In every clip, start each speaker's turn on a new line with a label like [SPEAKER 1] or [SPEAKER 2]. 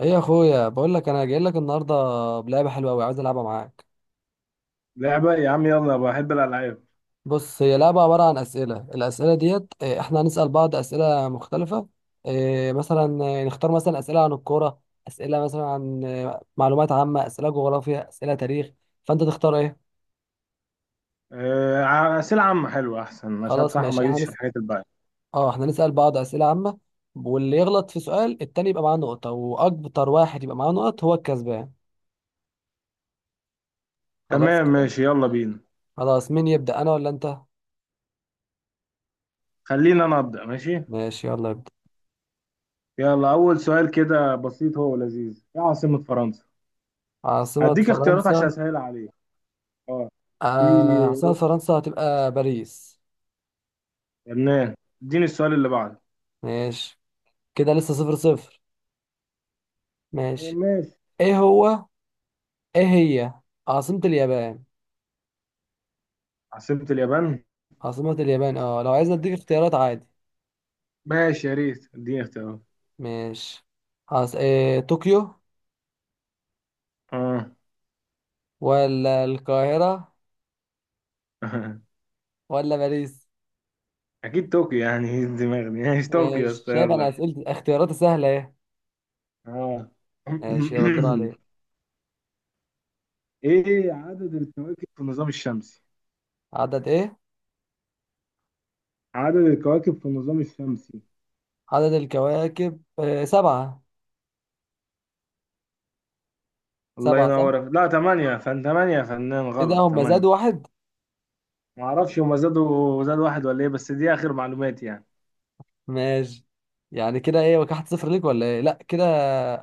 [SPEAKER 1] ايه يا اخويا بقول لك انا جاي لك النهارده بلعبه حلوه قوي عايز العبها معاك.
[SPEAKER 2] لعبة يا عم، يلا بحب الألعاب.
[SPEAKER 1] بص، هي لعبه عباره عن اسئله. الاسئله ديت احنا هنسال بعض اسئله مختلفه. إيه، مثلا إيه، نختار مثلا اسئله عن الكوره، اسئله مثلا عن معلومات عامه، اسئله جغرافيا، اسئله تاريخ، فانت تختار ايه؟
[SPEAKER 2] أسئلة عامة حلوة أحسن، عشان
[SPEAKER 1] خلاص
[SPEAKER 2] بصراحة ما
[SPEAKER 1] ماشي،
[SPEAKER 2] جيتش في الحاجات الباقية.
[SPEAKER 1] اه احنا نسال بعض اسئله عامه، واللي يغلط في سؤال التاني يبقى معاه نقطه، واكتر واحد يبقى معاه نقط هو الكسبان. خلاص
[SPEAKER 2] تمام
[SPEAKER 1] كده.
[SPEAKER 2] ماشي، يلا بينا.
[SPEAKER 1] خلاص مين يبدا انا ولا انت؟
[SPEAKER 2] خلينا نبدأ، ماشي.
[SPEAKER 1] ماشي يلا ابدا.
[SPEAKER 2] يلا، أول سؤال كده بسيط هو لذيذ، إيه عاصمة فرنسا؟
[SPEAKER 1] عاصمه
[SPEAKER 2] هديك اختيارات عشان
[SPEAKER 1] فرنسا.
[SPEAKER 2] أسهل عليك. أه. في
[SPEAKER 1] عاصمة فرنسا هتبقى باريس.
[SPEAKER 2] لبنان. اديني السؤال اللي بعده.
[SPEAKER 1] ماشي كده لسه صفر صفر. ماشي.
[SPEAKER 2] ماشي.
[SPEAKER 1] ايه هو ايه هي عاصمة اليابان؟
[SPEAKER 2] عاصمة اليابان؟
[SPEAKER 1] عاصمة اليابان، اه لو عايز اديك اختيارات عادي.
[SPEAKER 2] ماشي، يا ريت اديني اختيارات.
[SPEAKER 1] ماشي. طوكيو،
[SPEAKER 2] أه.
[SPEAKER 1] ولا القاهرة، ولا باريس.
[SPEAKER 2] أكيد طوكيو يعني. إيه الدماغ دي؟ ماشي، طوكيو يا
[SPEAKER 1] ماشي،
[SPEAKER 2] اسطى،
[SPEAKER 1] شايف انا
[SPEAKER 2] يلا.
[SPEAKER 1] اسئلة اختياراتي سهلة ايه.
[SPEAKER 2] أه.
[SPEAKER 1] ماشي يلا الدور عليك.
[SPEAKER 2] ايه عدد الكواكب في النظام الشمسي؟
[SPEAKER 1] عدد ايه؟
[SPEAKER 2] عدد الكواكب في النظام الشمسي.
[SPEAKER 1] عدد الكواكب سبعة.
[SPEAKER 2] الله
[SPEAKER 1] سبعة صح،
[SPEAKER 2] ينورك، لا تمانية يا فن تمانية يا فنان،
[SPEAKER 1] ايه ده
[SPEAKER 2] غلط
[SPEAKER 1] هم
[SPEAKER 2] تمانية.
[SPEAKER 1] زادوا واحد؟
[SPEAKER 2] معرفش هما زاد واحد ولا ايه، بس دي اخر معلوماتي يعني.
[SPEAKER 1] ماشي، يعني كده ايه واحد صفر ليك ولا ايه؟ لا كده،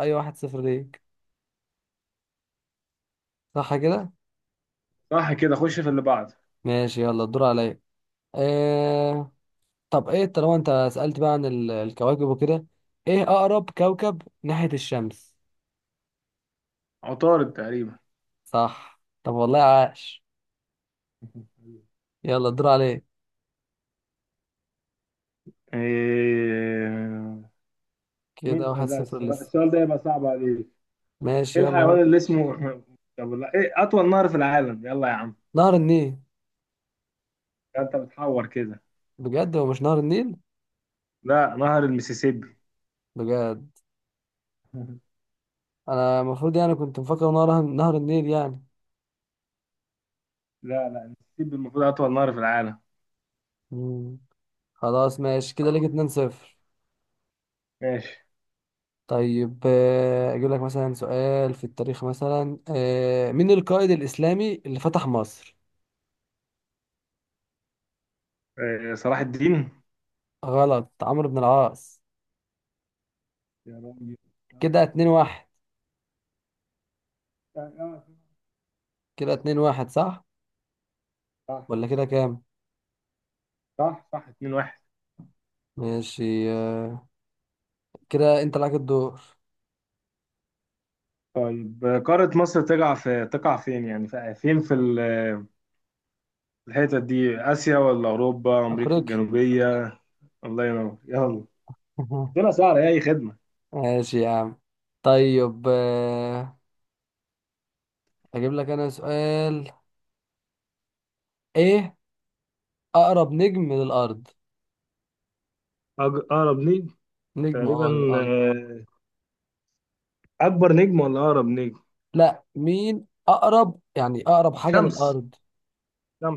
[SPEAKER 1] اي واحد صفر ليك صح كده.
[SPEAKER 2] صح كده، خش في اللي بعد.
[SPEAKER 1] ماشي يلا الدور عليا. آه... طب ايه، طالما انت سألت بقى عن الكواكب وكده، ايه اقرب كوكب ناحية الشمس؟
[SPEAKER 2] عطارد تقريبا.
[SPEAKER 1] صح، طب والله عاش. يلا الدور عليك.
[SPEAKER 2] إيه...
[SPEAKER 1] كده
[SPEAKER 2] مين،
[SPEAKER 1] واحد
[SPEAKER 2] لا
[SPEAKER 1] صفر
[SPEAKER 2] السؤال
[SPEAKER 1] لسه.
[SPEAKER 2] السؤال ده يبقى صعب عليك.
[SPEAKER 1] ماشي
[SPEAKER 2] ايه
[SPEAKER 1] يلا.
[SPEAKER 2] الحيوان اللي اسمه طب لا، ايه اطول نهر في العالم؟ يلا يا عم.
[SPEAKER 1] نهر النيل.
[SPEAKER 2] ده انت بتحور كده.
[SPEAKER 1] بجد هو مش نهر النيل؟
[SPEAKER 2] لا، نهر المسيسيبي.
[SPEAKER 1] بجد؟ انا المفروض يعني كنت مفكر نهر النيل يعني.
[SPEAKER 2] لا لا، المسيسيبي المفروض اطول نهر في العالم.
[SPEAKER 1] مم. خلاص ماشي، كده ليك اتنين صفر.
[SPEAKER 2] ماشي.
[SPEAKER 1] طيب اجيب لك مثلا سؤال في التاريخ، مثلا مين القائد الاسلامي اللي فتح مصر؟
[SPEAKER 2] صلاح الدين.
[SPEAKER 1] غلط، عمرو بن العاص.
[SPEAKER 2] يا راجل.
[SPEAKER 1] كده اتنين واحد.
[SPEAKER 2] آه،
[SPEAKER 1] كده اتنين واحد صح؟
[SPEAKER 2] صح
[SPEAKER 1] ولا كده كام؟
[SPEAKER 2] صح صح 2-1.
[SPEAKER 1] ماشي كده انت لك الدور.
[SPEAKER 2] طيب، قارة مصر تقع فين يعني، فين في الحتة دي، آسيا ولا أوروبا، أمريكا
[SPEAKER 1] افريقيا.
[SPEAKER 2] الجنوبية؟ الله ينور، يلا. طلع سهلة، أي خدمة.
[SPEAKER 1] ماشي يا عم. طيب اجيب لك انا سؤال، ايه اقرب نجم للارض؟
[SPEAKER 2] أقرب نجم
[SPEAKER 1] نجم،
[SPEAKER 2] تقريبا،
[SPEAKER 1] اه، للارض.
[SPEAKER 2] آه، أكبر نجم ولا أقرب نجم؟
[SPEAKER 1] لا مين اقرب، يعني اقرب حاجة
[SPEAKER 2] شمس،
[SPEAKER 1] للارض.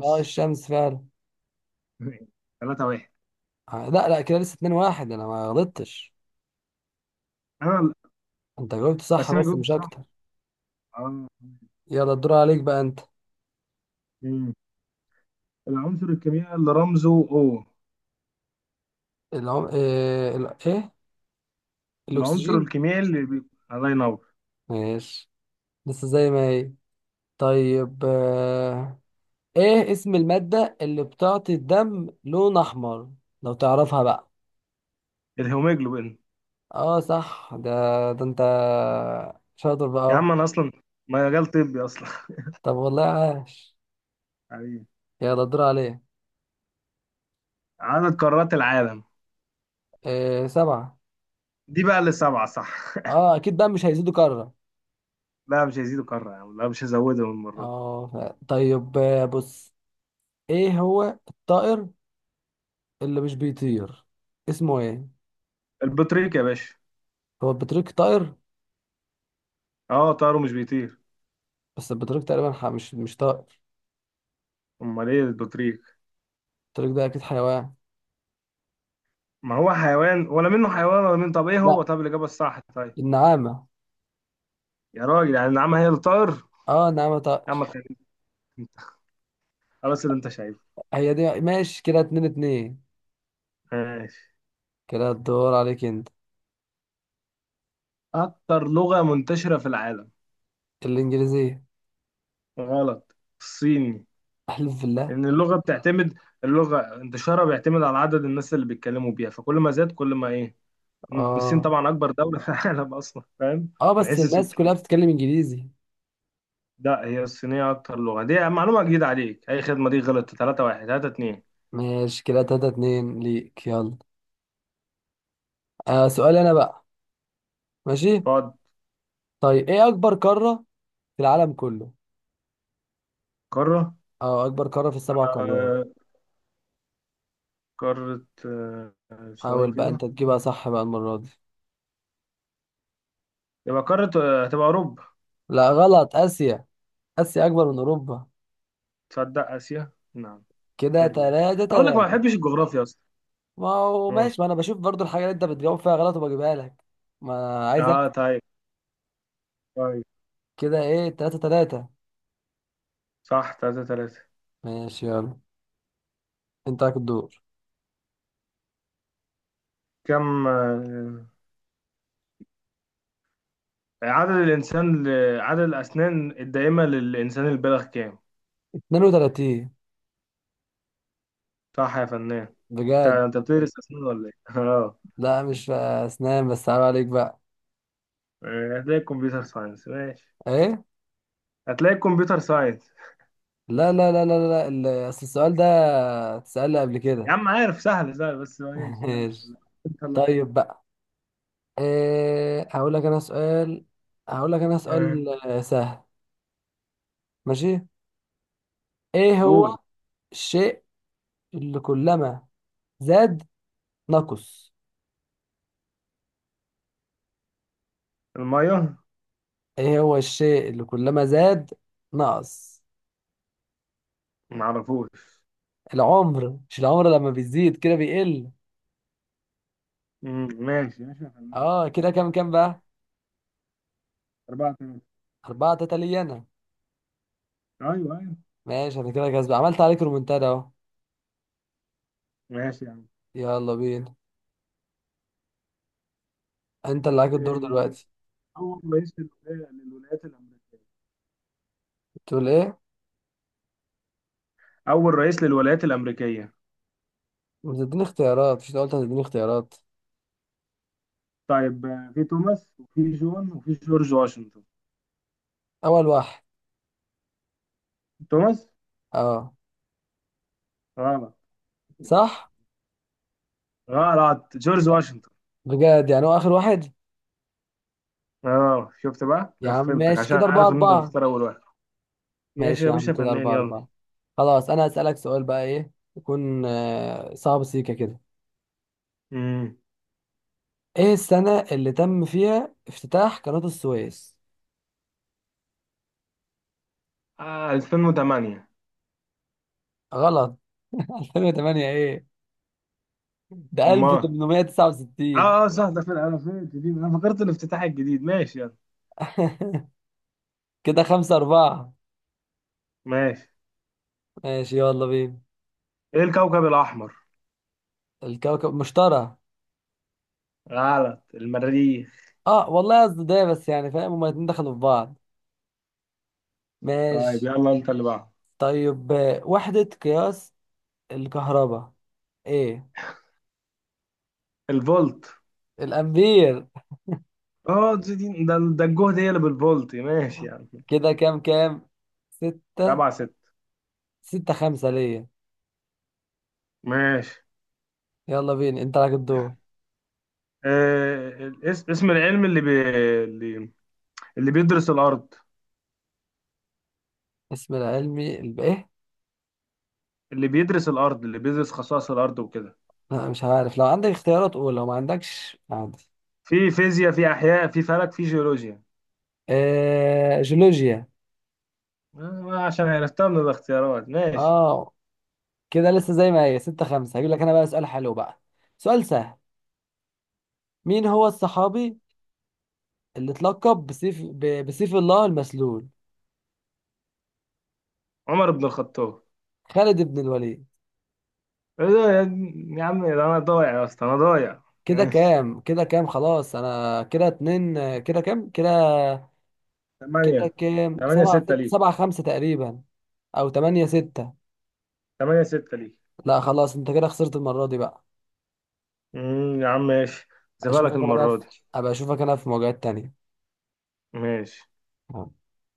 [SPEAKER 1] اه الشمس فعلا.
[SPEAKER 2] ثلاثة واحد.
[SPEAKER 1] لا لا, كده لسه 2-1، انا ما غلطتش.
[SPEAKER 2] أنا.
[SPEAKER 1] انت جاوبت صح
[SPEAKER 2] بس أنا
[SPEAKER 1] بس
[SPEAKER 2] جبت
[SPEAKER 1] مش اكتر.
[SPEAKER 2] صح. آه.
[SPEAKER 1] يلا الدور عليك بقى انت.
[SPEAKER 2] مم. العنصر الكيميائي اللي رمزه O.
[SPEAKER 1] العم... ايه, ال... إيه؟
[SPEAKER 2] العنصر
[SPEAKER 1] الاكسجين.
[SPEAKER 2] الكيميائي اللي بي... الله ينور.
[SPEAKER 1] ماشي، لسه زي ما هي. طيب ايه اسم المادة اللي بتعطي الدم لون احمر، لو تعرفها بقى؟
[SPEAKER 2] الهيموجلوبين.
[SPEAKER 1] اه صح ده، ده انت شاطر بقى
[SPEAKER 2] يا
[SPEAKER 1] اهو.
[SPEAKER 2] عم انا اصلا مجال طبي اصلا.
[SPEAKER 1] طب والله عاش.
[SPEAKER 2] حبيبي.
[SPEAKER 1] يلا الدور عليك.
[SPEAKER 2] عدد قارات العالم.
[SPEAKER 1] إيه؟ سبعة.
[SPEAKER 2] دي بقى اللي سبعة صح.
[SPEAKER 1] اه اكيد بقى مش هيزيدوا كرة.
[SPEAKER 2] لا مش هيزيدوا قارة يا عم، لا، مش هزودهم المرة دي.
[SPEAKER 1] اه. طيب بص، ايه هو الطائر اللي مش بيطير، اسمه ايه؟
[SPEAKER 2] البطريق يا باشا.
[SPEAKER 1] هو البطريق طائر؟
[SPEAKER 2] اه طاره مش بيطير.
[SPEAKER 1] بس البطريق تقريبا مش طائر.
[SPEAKER 2] امال ايه البطريق؟
[SPEAKER 1] البطريق ده اكيد حيوان.
[SPEAKER 2] ما هو حيوان ولا منه، حيوان ولا منه، طب ايه هو؟
[SPEAKER 1] لا،
[SPEAKER 2] طب الاجابة الصح؟ طيب.
[SPEAKER 1] النعامة.
[SPEAKER 2] يا راجل، يعني النعامة هي اللي طائر؟
[SPEAKER 1] اه النعامة طائر.
[SPEAKER 2] يا عم خليك انت، خلاص اللي انت شايفه.
[SPEAKER 1] هي دي، ماشي كده اتنين اتنين.
[SPEAKER 2] ماشي.
[SPEAKER 1] كده الدور عليك انت.
[SPEAKER 2] اكتر لغة منتشرة في العالم.
[SPEAKER 1] الانجليزية.
[SPEAKER 2] غلط. الصيني.
[SPEAKER 1] احلف بالله!
[SPEAKER 2] لأن اللغة بتعتمد، اللغة انتشارها بيعتمد على عدد الناس اللي بيتكلموا بيها، فكل ما زاد كل ما إيه. الصين
[SPEAKER 1] اه
[SPEAKER 2] طبعا أكبر دولة في العالم أصلا، فاهم؟
[SPEAKER 1] اه
[SPEAKER 2] من
[SPEAKER 1] بس
[SPEAKER 2] حيث
[SPEAKER 1] الناس
[SPEAKER 2] السكان.
[SPEAKER 1] كلها بتتكلم انجليزي.
[SPEAKER 2] لا، هي الصينية أكتر لغة، دي معلومة جديدة عليك، أي خدمة، دي غلط. 3 1 3 2.
[SPEAKER 1] ماشي كده تلاتة اتنين ليك، يلا. آه سؤالي انا بقى. ماشي.
[SPEAKER 2] تقعد.
[SPEAKER 1] طيب ايه اكبر قارة في العالم كله؟
[SPEAKER 2] قارة
[SPEAKER 1] اه اكبر قارة في السبع قارات.
[SPEAKER 2] آه، قارة، ثواني
[SPEAKER 1] حاول بقى
[SPEAKER 2] كده.
[SPEAKER 1] انت تجيبها صح بقى المرة دي.
[SPEAKER 2] يبقى قارة، هتبقى أوروبا.
[SPEAKER 1] لا غلط، آسيا. آسيا أكبر من أوروبا.
[SPEAKER 2] تصدق آسيا، نعم.
[SPEAKER 1] كده
[SPEAKER 2] حلو ده.
[SPEAKER 1] تلاتة
[SPEAKER 2] أقول لك ما
[SPEAKER 1] تلاتة.
[SPEAKER 2] بحبش الجغرافيا أصلا.
[SPEAKER 1] ما هو
[SPEAKER 2] أه.
[SPEAKER 1] ماشي، ما أنا بشوف برضو الحاجة اللي أنت بتجاوب فيها غلط وبجيبها لك. ما أنا عايز أكسب.
[SPEAKER 2] طيب. طيب.
[SPEAKER 1] كده إيه، تلاتة تلاتة.
[SPEAKER 2] صح 3 3.
[SPEAKER 1] ماشي يلا، أنت عليك الدور.
[SPEAKER 2] كم آه، عدد الإنسان ل... عدد الأسنان الدائمة للإنسان البالغ كام؟
[SPEAKER 1] اتنين وتلاتين.
[SPEAKER 2] صح يا فنان. أنت
[SPEAKER 1] بجد.
[SPEAKER 2] أنت بتدرس أسنان ولا إيه؟ أه.
[SPEAKER 1] لا مش أسنان، بس عيب عليك بقى.
[SPEAKER 2] هتلاقي كمبيوتر ساينس، ماشي،
[SPEAKER 1] إيه؟
[SPEAKER 2] هتلاقي كمبيوتر ساينس.
[SPEAKER 1] لا لا لا لا لا، أصل السؤال ده اتسأل لي قبل
[SPEAKER 2] يا
[SPEAKER 1] كده.
[SPEAKER 2] عم عارف، سهل سهل، بس ماشي يلا.
[SPEAKER 1] ماشي.
[SPEAKER 2] طلع عليك.
[SPEAKER 1] طيب بقى، إيه، هقول لك أنا
[SPEAKER 2] آه.
[SPEAKER 1] سؤال سهل. ماشي. ايه هو
[SPEAKER 2] قوم.
[SPEAKER 1] الشيء اللي كلما زاد نقص؟
[SPEAKER 2] المية.
[SPEAKER 1] ايه هو الشيء اللي كلما زاد نقص
[SPEAKER 2] معرفوش.
[SPEAKER 1] العمر. مش العمر لما بيزيد كده بيقل.
[SPEAKER 2] مم، ماشي ماشي يا فنان.
[SPEAKER 1] اه كده كام
[SPEAKER 2] أربعة.
[SPEAKER 1] كام بقى؟
[SPEAKER 2] أربعة تمام.
[SPEAKER 1] أربعة تلاتة ليا أنا.
[SPEAKER 2] أيوه أيوه.
[SPEAKER 1] ماشي، أنا كده كسب، عملت عليك رومنتادا أهو.
[SPEAKER 2] ماشي يا عم.
[SPEAKER 1] يلا بينا، أنت اللي عليك الدور
[SPEAKER 2] إيه،
[SPEAKER 1] دلوقتي.
[SPEAKER 2] أول رئيس للولايات الأمريكية.
[SPEAKER 1] بتقول إيه؟
[SPEAKER 2] أول رئيس للولايات الأمريكية.
[SPEAKER 1] بتديني اختيارات، مش أنت قلت هتديني اختيارات؟
[SPEAKER 2] طيب، في توماس وفي جون وفي جورج واشنطن.
[SPEAKER 1] أول واحد.
[SPEAKER 2] توماس.
[SPEAKER 1] أه.
[SPEAKER 2] غلط.
[SPEAKER 1] صح؟
[SPEAKER 2] غلط، جورج واشنطن.
[SPEAKER 1] بجد، يعني هو آخر واحد؟
[SPEAKER 2] اه شفت بقى
[SPEAKER 1] يا عم
[SPEAKER 2] غفلتك،
[SPEAKER 1] ماشي،
[SPEAKER 2] عشان
[SPEAKER 1] كده أربعة
[SPEAKER 2] عارف ان انت
[SPEAKER 1] أربعة.
[SPEAKER 2] تختار اول واحد. ماشي
[SPEAKER 1] ماشي
[SPEAKER 2] يا
[SPEAKER 1] يا عم
[SPEAKER 2] باشا،
[SPEAKER 1] كده
[SPEAKER 2] فنان،
[SPEAKER 1] أربعة
[SPEAKER 2] يلا.
[SPEAKER 1] أربعة. خلاص أنا هسألك سؤال بقى، إيه يكون صعب سيكا كده.
[SPEAKER 2] امم.
[SPEAKER 1] إيه السنة اللي تم فيها افتتاح قناة السويس؟
[SPEAKER 2] 2008.
[SPEAKER 1] غلط. 2008 إيه؟ ده
[SPEAKER 2] امال.
[SPEAKER 1] 1869.
[SPEAKER 2] اه اه، صح ده، في الالفين الجديد انا فكرت الافتتاح الجديد. ماشي يلا.
[SPEAKER 1] كده خمسة أربعة.
[SPEAKER 2] ماشي.
[SPEAKER 1] ماشي يلا بينا.
[SPEAKER 2] ايه الكوكب الاحمر؟
[SPEAKER 1] الكوكب مشتري.
[SPEAKER 2] غلط، المريخ.
[SPEAKER 1] اه والله قصدي ده، بس يعني فاهم هما الاتنين دخلوا في بعض.
[SPEAKER 2] طيب
[SPEAKER 1] ماشي.
[SPEAKER 2] يلا انت اللي بعده.
[SPEAKER 1] طيب وحدة قياس الكهرباء ايه؟
[SPEAKER 2] الفولت.
[SPEAKER 1] الأمبير.
[SPEAKER 2] اه، ده الجهد هي اللي بالفولت، ماشي يعني.
[SPEAKER 1] كده كام كام؟ ستة.
[SPEAKER 2] 7 6.
[SPEAKER 1] ستة خمسة ليا.
[SPEAKER 2] ماشي.
[SPEAKER 1] يلا بينا، انت لك الدور.
[SPEAKER 2] اسم العلم اللي اللي بيدرس الارض،
[SPEAKER 1] ايه.
[SPEAKER 2] اللي بيدرس الارض اللي بيدرس خصائص الارض وكده.
[SPEAKER 1] لا مش عارف، لو عندك اختيارات قول، لو ما عندكش عادي.
[SPEAKER 2] في فيزياء، في احياء، في فلك، في جيولوجيا.
[SPEAKER 1] آه جيولوجيا.
[SPEAKER 2] عشان عرفتها من الاختيارات، ماشي.
[SPEAKER 1] اه كده لسه زي ما هي، ستة خمسة. هجيب لك انا بقى سؤال حلو بقى، سؤال سهل. مين هو الصحابي اللي اتلقب بسيف الله المسلول؟
[SPEAKER 2] عمر بن الخطاب.
[SPEAKER 1] خالد بن الوليد.
[SPEAKER 2] إيه ده يا عم، ده انا ضايع يا اسطى، انا ضايع.
[SPEAKER 1] كده
[SPEAKER 2] ماشي.
[SPEAKER 1] كام، كده كام، خلاص انا كده اتنين، كده كام كده؟
[SPEAKER 2] ثمانية. ثمانية ستة ليك.
[SPEAKER 1] سبعة خمسة تقريبا. او تمانية ستة.
[SPEAKER 2] ثمانية ستة ليك.
[SPEAKER 1] لا خلاص، انت كده خسرت المرة دي بقى.
[SPEAKER 2] مم، يا عم ماشي. زبالك
[SPEAKER 1] اشوفك انا بقى في...
[SPEAKER 2] المرة دي.
[SPEAKER 1] ابقى اشوفك انا في مواجهات تانية.
[SPEAKER 2] ماشي.